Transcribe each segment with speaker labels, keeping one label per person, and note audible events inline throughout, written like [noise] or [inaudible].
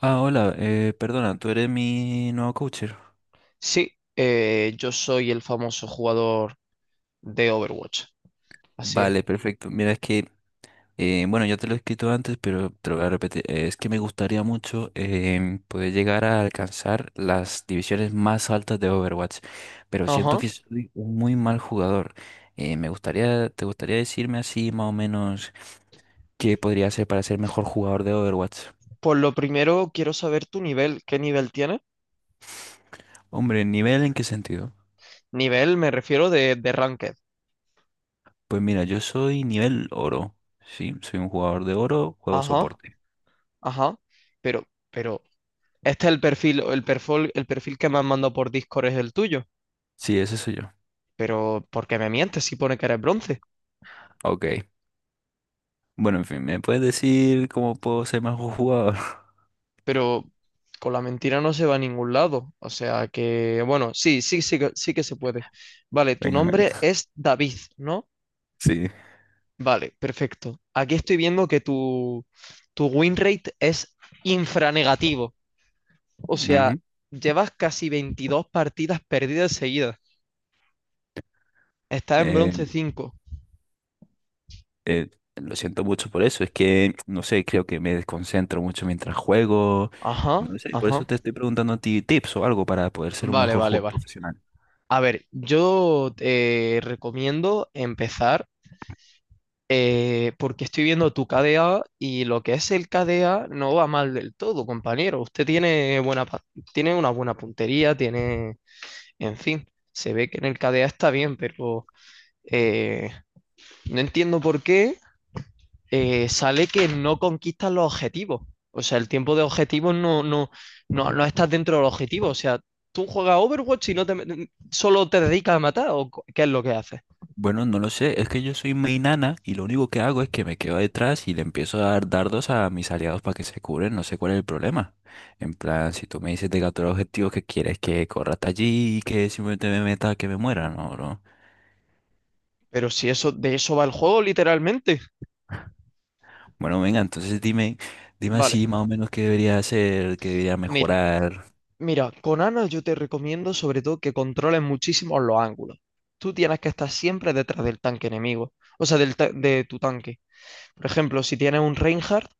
Speaker 1: Ah, hola, perdona, tú eres mi nuevo coacher.
Speaker 2: Sí, yo soy el famoso jugador de Overwatch. Así es.
Speaker 1: Vale, perfecto. Mira, es que, bueno, ya te lo he escrito antes, pero te lo voy a repetir. Es que me gustaría mucho poder llegar a alcanzar las divisiones más altas de Overwatch, pero siento
Speaker 2: Ajá.
Speaker 1: que soy un muy mal jugador. Me gustaría, ¿te gustaría decirme así más o menos qué podría hacer para ser mejor jugador de Overwatch?
Speaker 2: Por lo primero quiero saber tu nivel. ¿Qué nivel tienes?
Speaker 1: Hombre, ¿nivel en qué sentido?
Speaker 2: Nivel me refiero de ranked.
Speaker 1: Pues mira, yo soy nivel oro, ¿sí? Soy un jugador de oro, juego
Speaker 2: Ajá,
Speaker 1: soporte.
Speaker 2: ajá. Pero, pero, este es el perfil que me han mandado por Discord es el tuyo.
Speaker 1: Sí, ese soy yo.
Speaker 2: Pero, ¿por qué me mientes si pone que eres bronce?
Speaker 1: Ok. Bueno, en fin, ¿me puedes decir cómo puedo ser mejor jugador? [laughs]
Speaker 2: Pero con la mentira no se va a ningún lado. O sea que, bueno, sí, sí, sí, sí que se puede. Vale, tu
Speaker 1: Venga,
Speaker 2: nombre
Speaker 1: venga.
Speaker 2: es David, ¿no?
Speaker 1: Sí.
Speaker 2: Vale, perfecto. Aquí estoy viendo que tu win rate es infranegativo. O sea,
Speaker 1: Ujú.
Speaker 2: llevas casi 22 partidas perdidas seguidas. Estás en
Speaker 1: Eh,
Speaker 2: bronce 5.
Speaker 1: eh, lo siento mucho por eso. Es que, no sé, creo que me desconcentro mucho mientras juego.
Speaker 2: Ajá,
Speaker 1: No sé, por eso
Speaker 2: ajá.
Speaker 1: te estoy preguntando a ti tips o algo para poder ser un
Speaker 2: Vale,
Speaker 1: mejor
Speaker 2: vale,
Speaker 1: jugador
Speaker 2: vale.
Speaker 1: profesional.
Speaker 2: A ver, yo te recomiendo empezar, porque estoy viendo tu KDA y lo que es el KDA no va mal del todo, compañero. Usted tiene buena, tiene una buena puntería, tiene, en fin, se ve que en el KDA está bien, pero eh, no entiendo por qué sale que no conquistas los objetivos. O sea, el tiempo de objetivos no estás dentro del objetivo. O sea, tú juegas Overwatch y no te, solo te dedicas a matar, o qué es lo que haces.
Speaker 1: Bueno, no lo sé, es que yo soy muy nana y lo único que hago es que me quedo detrás y le empiezo a dar dardos a mis aliados para que se cubren, no sé cuál es el problema. En plan, si tú me dices de capturar objetivo que quieres que corra hasta allí y que simplemente me meta, que me muera, no, no.
Speaker 2: Pero si eso, de eso va el juego, literalmente.
Speaker 1: Bueno, venga, entonces dime, dime
Speaker 2: Vale,
Speaker 1: así más o menos qué debería hacer, qué debería
Speaker 2: mira,
Speaker 1: mejorar.
Speaker 2: mira, con Ana yo te recomiendo sobre todo que controles muchísimo los ángulos. Tú tienes que estar siempre detrás del tanque enemigo, o sea, de tu tanque. Por ejemplo, si tienes un Reinhardt,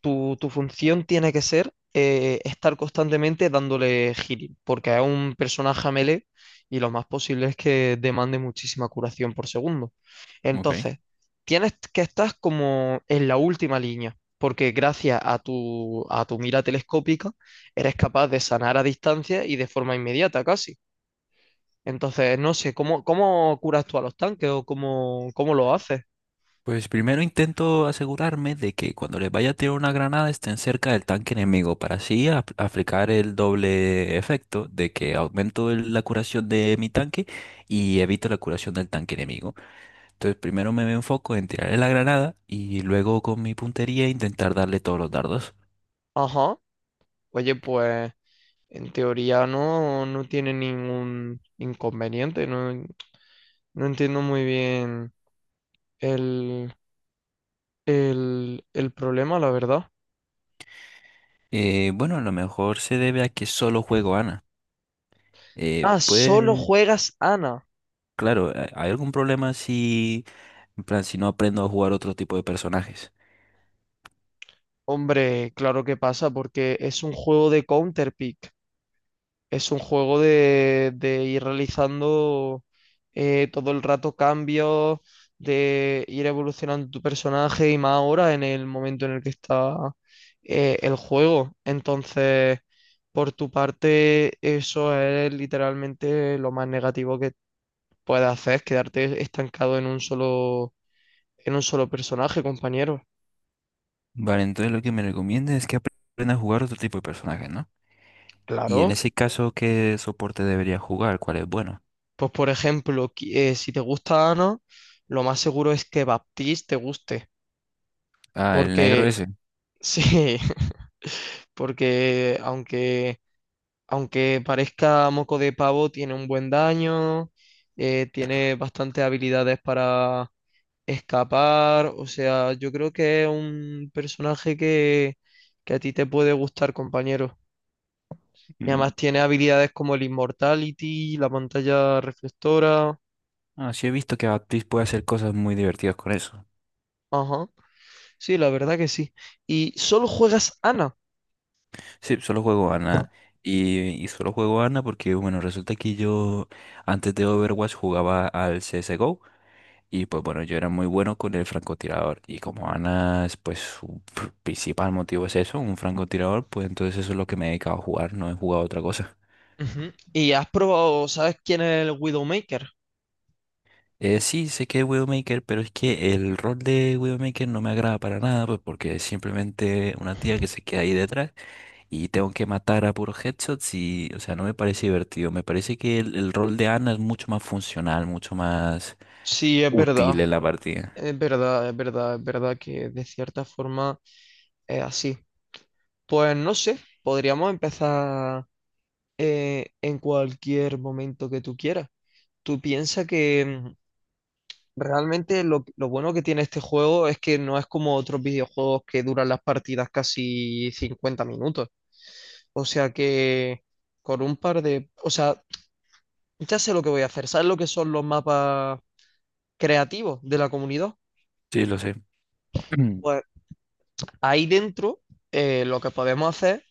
Speaker 2: tu función tiene que ser, estar constantemente dándole healing, porque es un personaje a melee y lo más posible es que demande muchísima curación por segundo.
Speaker 1: Ok.
Speaker 2: Entonces, tienes que estar como en la última línea, porque gracias a a tu mira telescópica eres capaz de sanar a distancia y de forma inmediata casi. Entonces, no sé, ¿cómo, cómo curas tú a los tanques o cómo, cómo lo haces?
Speaker 1: Pues primero intento asegurarme de que cuando les vaya a tirar una granada estén cerca del tanque enemigo para así aplicar el doble efecto de que aumento la curación de mi tanque y evito la curación del tanque enemigo. Entonces primero me enfoco en tirarle la granada y luego con mi puntería intentar darle todos los dardos.
Speaker 2: Ajá. Oye, pues en teoría no tiene ningún inconveniente. No, no entiendo muy bien el, el problema, la verdad.
Speaker 1: Bueno, a lo mejor se debe a que solo juego Ana. Eh,
Speaker 2: Ah, solo
Speaker 1: pues
Speaker 2: juegas Ana.
Speaker 1: claro, ¿hay algún problema si, en plan, si no aprendo a jugar otro tipo de personajes?
Speaker 2: Hombre, claro que pasa porque es un juego de Counterpick. Es un juego de ir realizando todo el rato cambios, de ir evolucionando tu personaje y más ahora en el momento en el que está el juego. Entonces, por tu parte, eso es literalmente lo más negativo que puedes hacer, es quedarte estancado en un solo personaje, compañero.
Speaker 1: Vale, entonces lo que me recomienda es que aprenda a jugar otro tipo de personaje, ¿no? Y en
Speaker 2: Claro.
Speaker 1: ese caso, ¿qué soporte debería jugar? ¿Cuál es bueno?
Speaker 2: Pues por ejemplo, si te gusta Ana, lo más seguro es que Baptiste te guste,
Speaker 1: Ah, el negro
Speaker 2: porque
Speaker 1: ese.
Speaker 2: sí, [laughs] porque aunque parezca moco de pavo, tiene un buen daño, tiene bastantes habilidades para escapar. O sea, yo creo que es un personaje que a ti te puede gustar, compañero. Y
Speaker 1: Mm.
Speaker 2: además tiene habilidades como el Immortality, la pantalla reflectora.
Speaker 1: Ah, sí he visto que Baptiste puede hacer cosas muy divertidas con eso.
Speaker 2: Ajá, sí, la verdad que sí. Y solo juegas Ana.
Speaker 1: Sí, solo juego Ana. Y solo juego Ana porque, bueno, resulta que yo antes de Overwatch jugaba al CSGO. Y pues bueno, yo era muy bueno con el francotirador. Y como Ana es pues su principal motivo es eso, un francotirador, pues entonces eso es lo que me he dedicado a jugar, no he jugado otra cosa.
Speaker 2: Ujú. Y has probado, ¿sabes quién es el Widowmaker?
Speaker 1: Sí, sé que es Widowmaker, pero es que el rol de Widowmaker no me agrada para nada, pues porque es simplemente una tía que se queda ahí detrás y tengo que matar a puros headshots y, o sea, no me parece divertido. Me parece que el rol de Ana es mucho más funcional, mucho más
Speaker 2: Sí, es verdad.
Speaker 1: útil en la partida.
Speaker 2: Es verdad, es verdad, es verdad que de cierta forma es así. Pues no sé, podríamos empezar en cualquier momento que tú quieras. Tú piensas que realmente lo bueno que tiene este juego es que no es como otros videojuegos que duran las partidas casi 50 minutos. O sea que con un par de... O sea, ya sé lo que voy a hacer. ¿Sabes lo que son los mapas creativos de la comunidad?
Speaker 1: Sí, lo sé. [clears throat]
Speaker 2: Pues ahí dentro, lo que podemos hacer,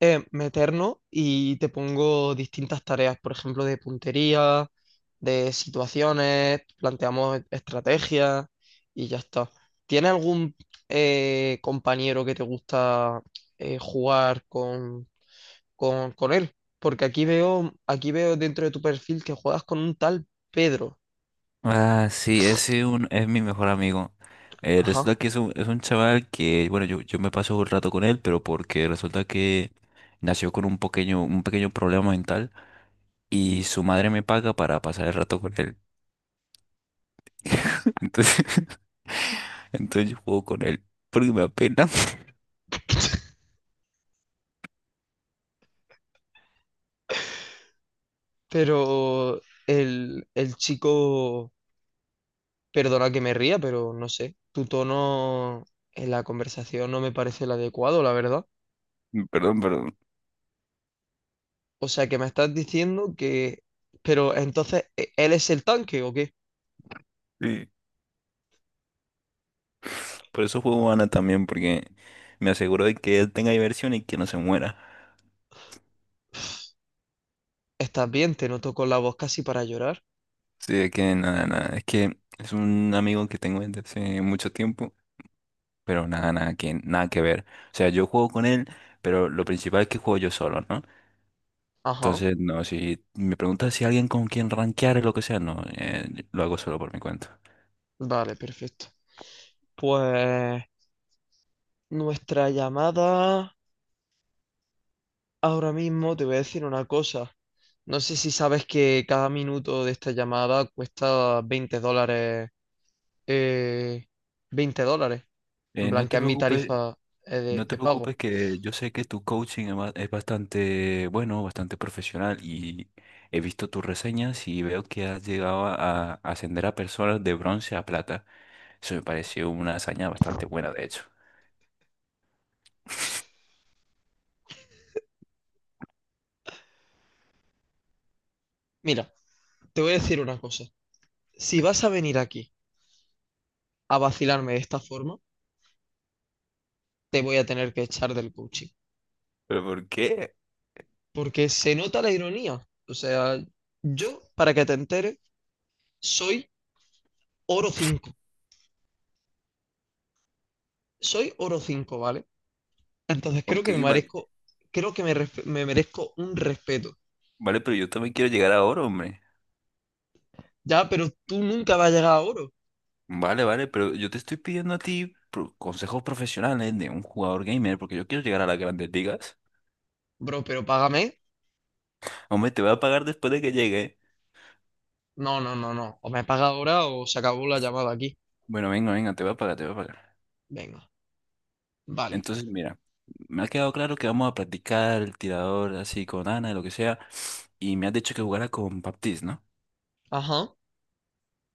Speaker 2: meternos y te pongo distintas tareas, por ejemplo, de puntería, de situaciones, planteamos estrategias y ya está. ¿Tienes algún compañero que te gusta jugar con él? Porque aquí veo dentro de tu perfil que juegas con un tal Pedro.
Speaker 1: Ah, sí, es mi mejor amigo. Resulta
Speaker 2: Ajá.
Speaker 1: que es un chaval que, bueno, yo me paso un rato con él, pero porque resulta que nació con un pequeño problema mental. Y su madre me paga para pasar el rato con él. [laughs] Entonces, [laughs] entonces yo juego con él porque me apena.
Speaker 2: Pero el chico... Perdona que me ría, pero no sé, tu tono en la conversación no me parece el adecuado, la verdad.
Speaker 1: [laughs] Perdón, perdón.
Speaker 2: O sea, que me estás diciendo que... Pero entonces, ¿él es el tanque o qué?
Speaker 1: Sí. Por eso juego Ana también, porque me aseguro de que él tenga diversión y que no se muera.
Speaker 2: ¿Estás bien? Te noto con la voz casi para llorar.
Speaker 1: Sí, es que nada, nada. Es que es un amigo que tengo desde hace mucho tiempo, pero nada, nada que ver. O sea, yo juego con él, pero lo principal es que juego yo solo, ¿no?
Speaker 2: Ajá,
Speaker 1: Entonces, no, si me preguntas si alguien con quien rankear o lo que sea, no, lo hago solo por mi cuenta.
Speaker 2: vale, perfecto. Pues nuestra llamada... Ahora mismo te voy a decir una cosa. No sé si sabes que cada minuto de esta llamada cuesta 20 dólares. eh, 20 dólares. En plan,
Speaker 1: No
Speaker 2: que
Speaker 1: te
Speaker 2: es mi
Speaker 1: preocupes,
Speaker 2: tarifa
Speaker 1: no te
Speaker 2: de pago.
Speaker 1: preocupes que yo sé que tu coaching es bastante bueno, bastante profesional y he visto tus reseñas y veo que has llegado a ascender a personas de bronce a plata. Eso me pareció una hazaña bastante buena, de hecho.
Speaker 2: Mira, te voy a decir una cosa. Si vas a venir aquí a vacilarme de esta forma, te voy a tener que echar del coaching.
Speaker 1: ¿Pero por qué?
Speaker 2: Porque se nota la ironía. O sea, yo, para que te enteres, soy oro 5. Soy oro 5, ¿vale? Entonces
Speaker 1: ¿Por
Speaker 2: creo que me
Speaker 1: qué?
Speaker 2: merezco, creo que me merezco un respeto.
Speaker 1: Vale, pero yo también quiero llegar a oro, hombre.
Speaker 2: Ya, pero tú nunca vas a llegar a oro.
Speaker 1: Vale, vale, pero yo te estoy pidiendo a ti consejos profesionales de un jugador gamer porque yo quiero llegar a las grandes ligas.
Speaker 2: Bro, pero págame.
Speaker 1: Hombre, te voy a pagar después de que llegue.
Speaker 2: No, no, no, no. O me paga ahora o se acabó la llamada aquí.
Speaker 1: Bueno, venga, venga, te voy a pagar, te voy a pagar.
Speaker 2: Venga, vale.
Speaker 1: Entonces, mira, me ha quedado claro que vamos a practicar el tirador así con Ana, lo que sea, y me has dicho que jugara con Baptiste, ¿no?
Speaker 2: Ajá.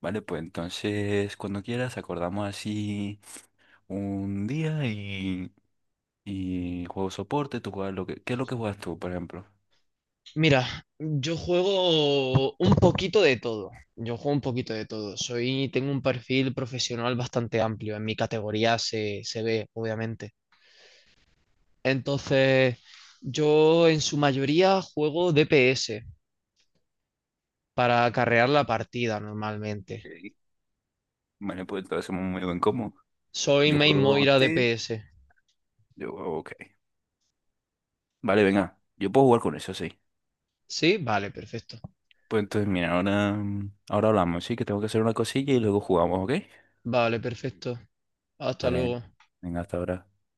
Speaker 1: Vale, pues entonces cuando quieras acordamos así un día y juego soporte, tú juegas lo que... ¿Qué es lo que juegas tú, por ejemplo?
Speaker 2: Mira, yo juego un poquito de todo. Yo juego un poquito de todo. Soy, tengo un perfil profesional bastante amplio. En mi categoría se ve, obviamente. Entonces, yo en su mayoría juego DPS para acarrear la partida normalmente.
Speaker 1: Ok. Vale, pues entonces somos muy buen combo.
Speaker 2: Soy
Speaker 1: Yo
Speaker 2: Main
Speaker 1: juego
Speaker 2: Moira
Speaker 1: Baptiste.
Speaker 2: DPS.
Speaker 1: Yo juego, ok. Vale, venga, yo puedo jugar con eso, sí.
Speaker 2: ¿Sí? Vale, perfecto.
Speaker 1: Pues entonces, mira, ahora hablamos, sí, que tengo que hacer una cosilla y luego jugamos, ¿ok?
Speaker 2: Vale, perfecto. Hasta
Speaker 1: Vale,
Speaker 2: luego.
Speaker 1: venga, hasta ahora.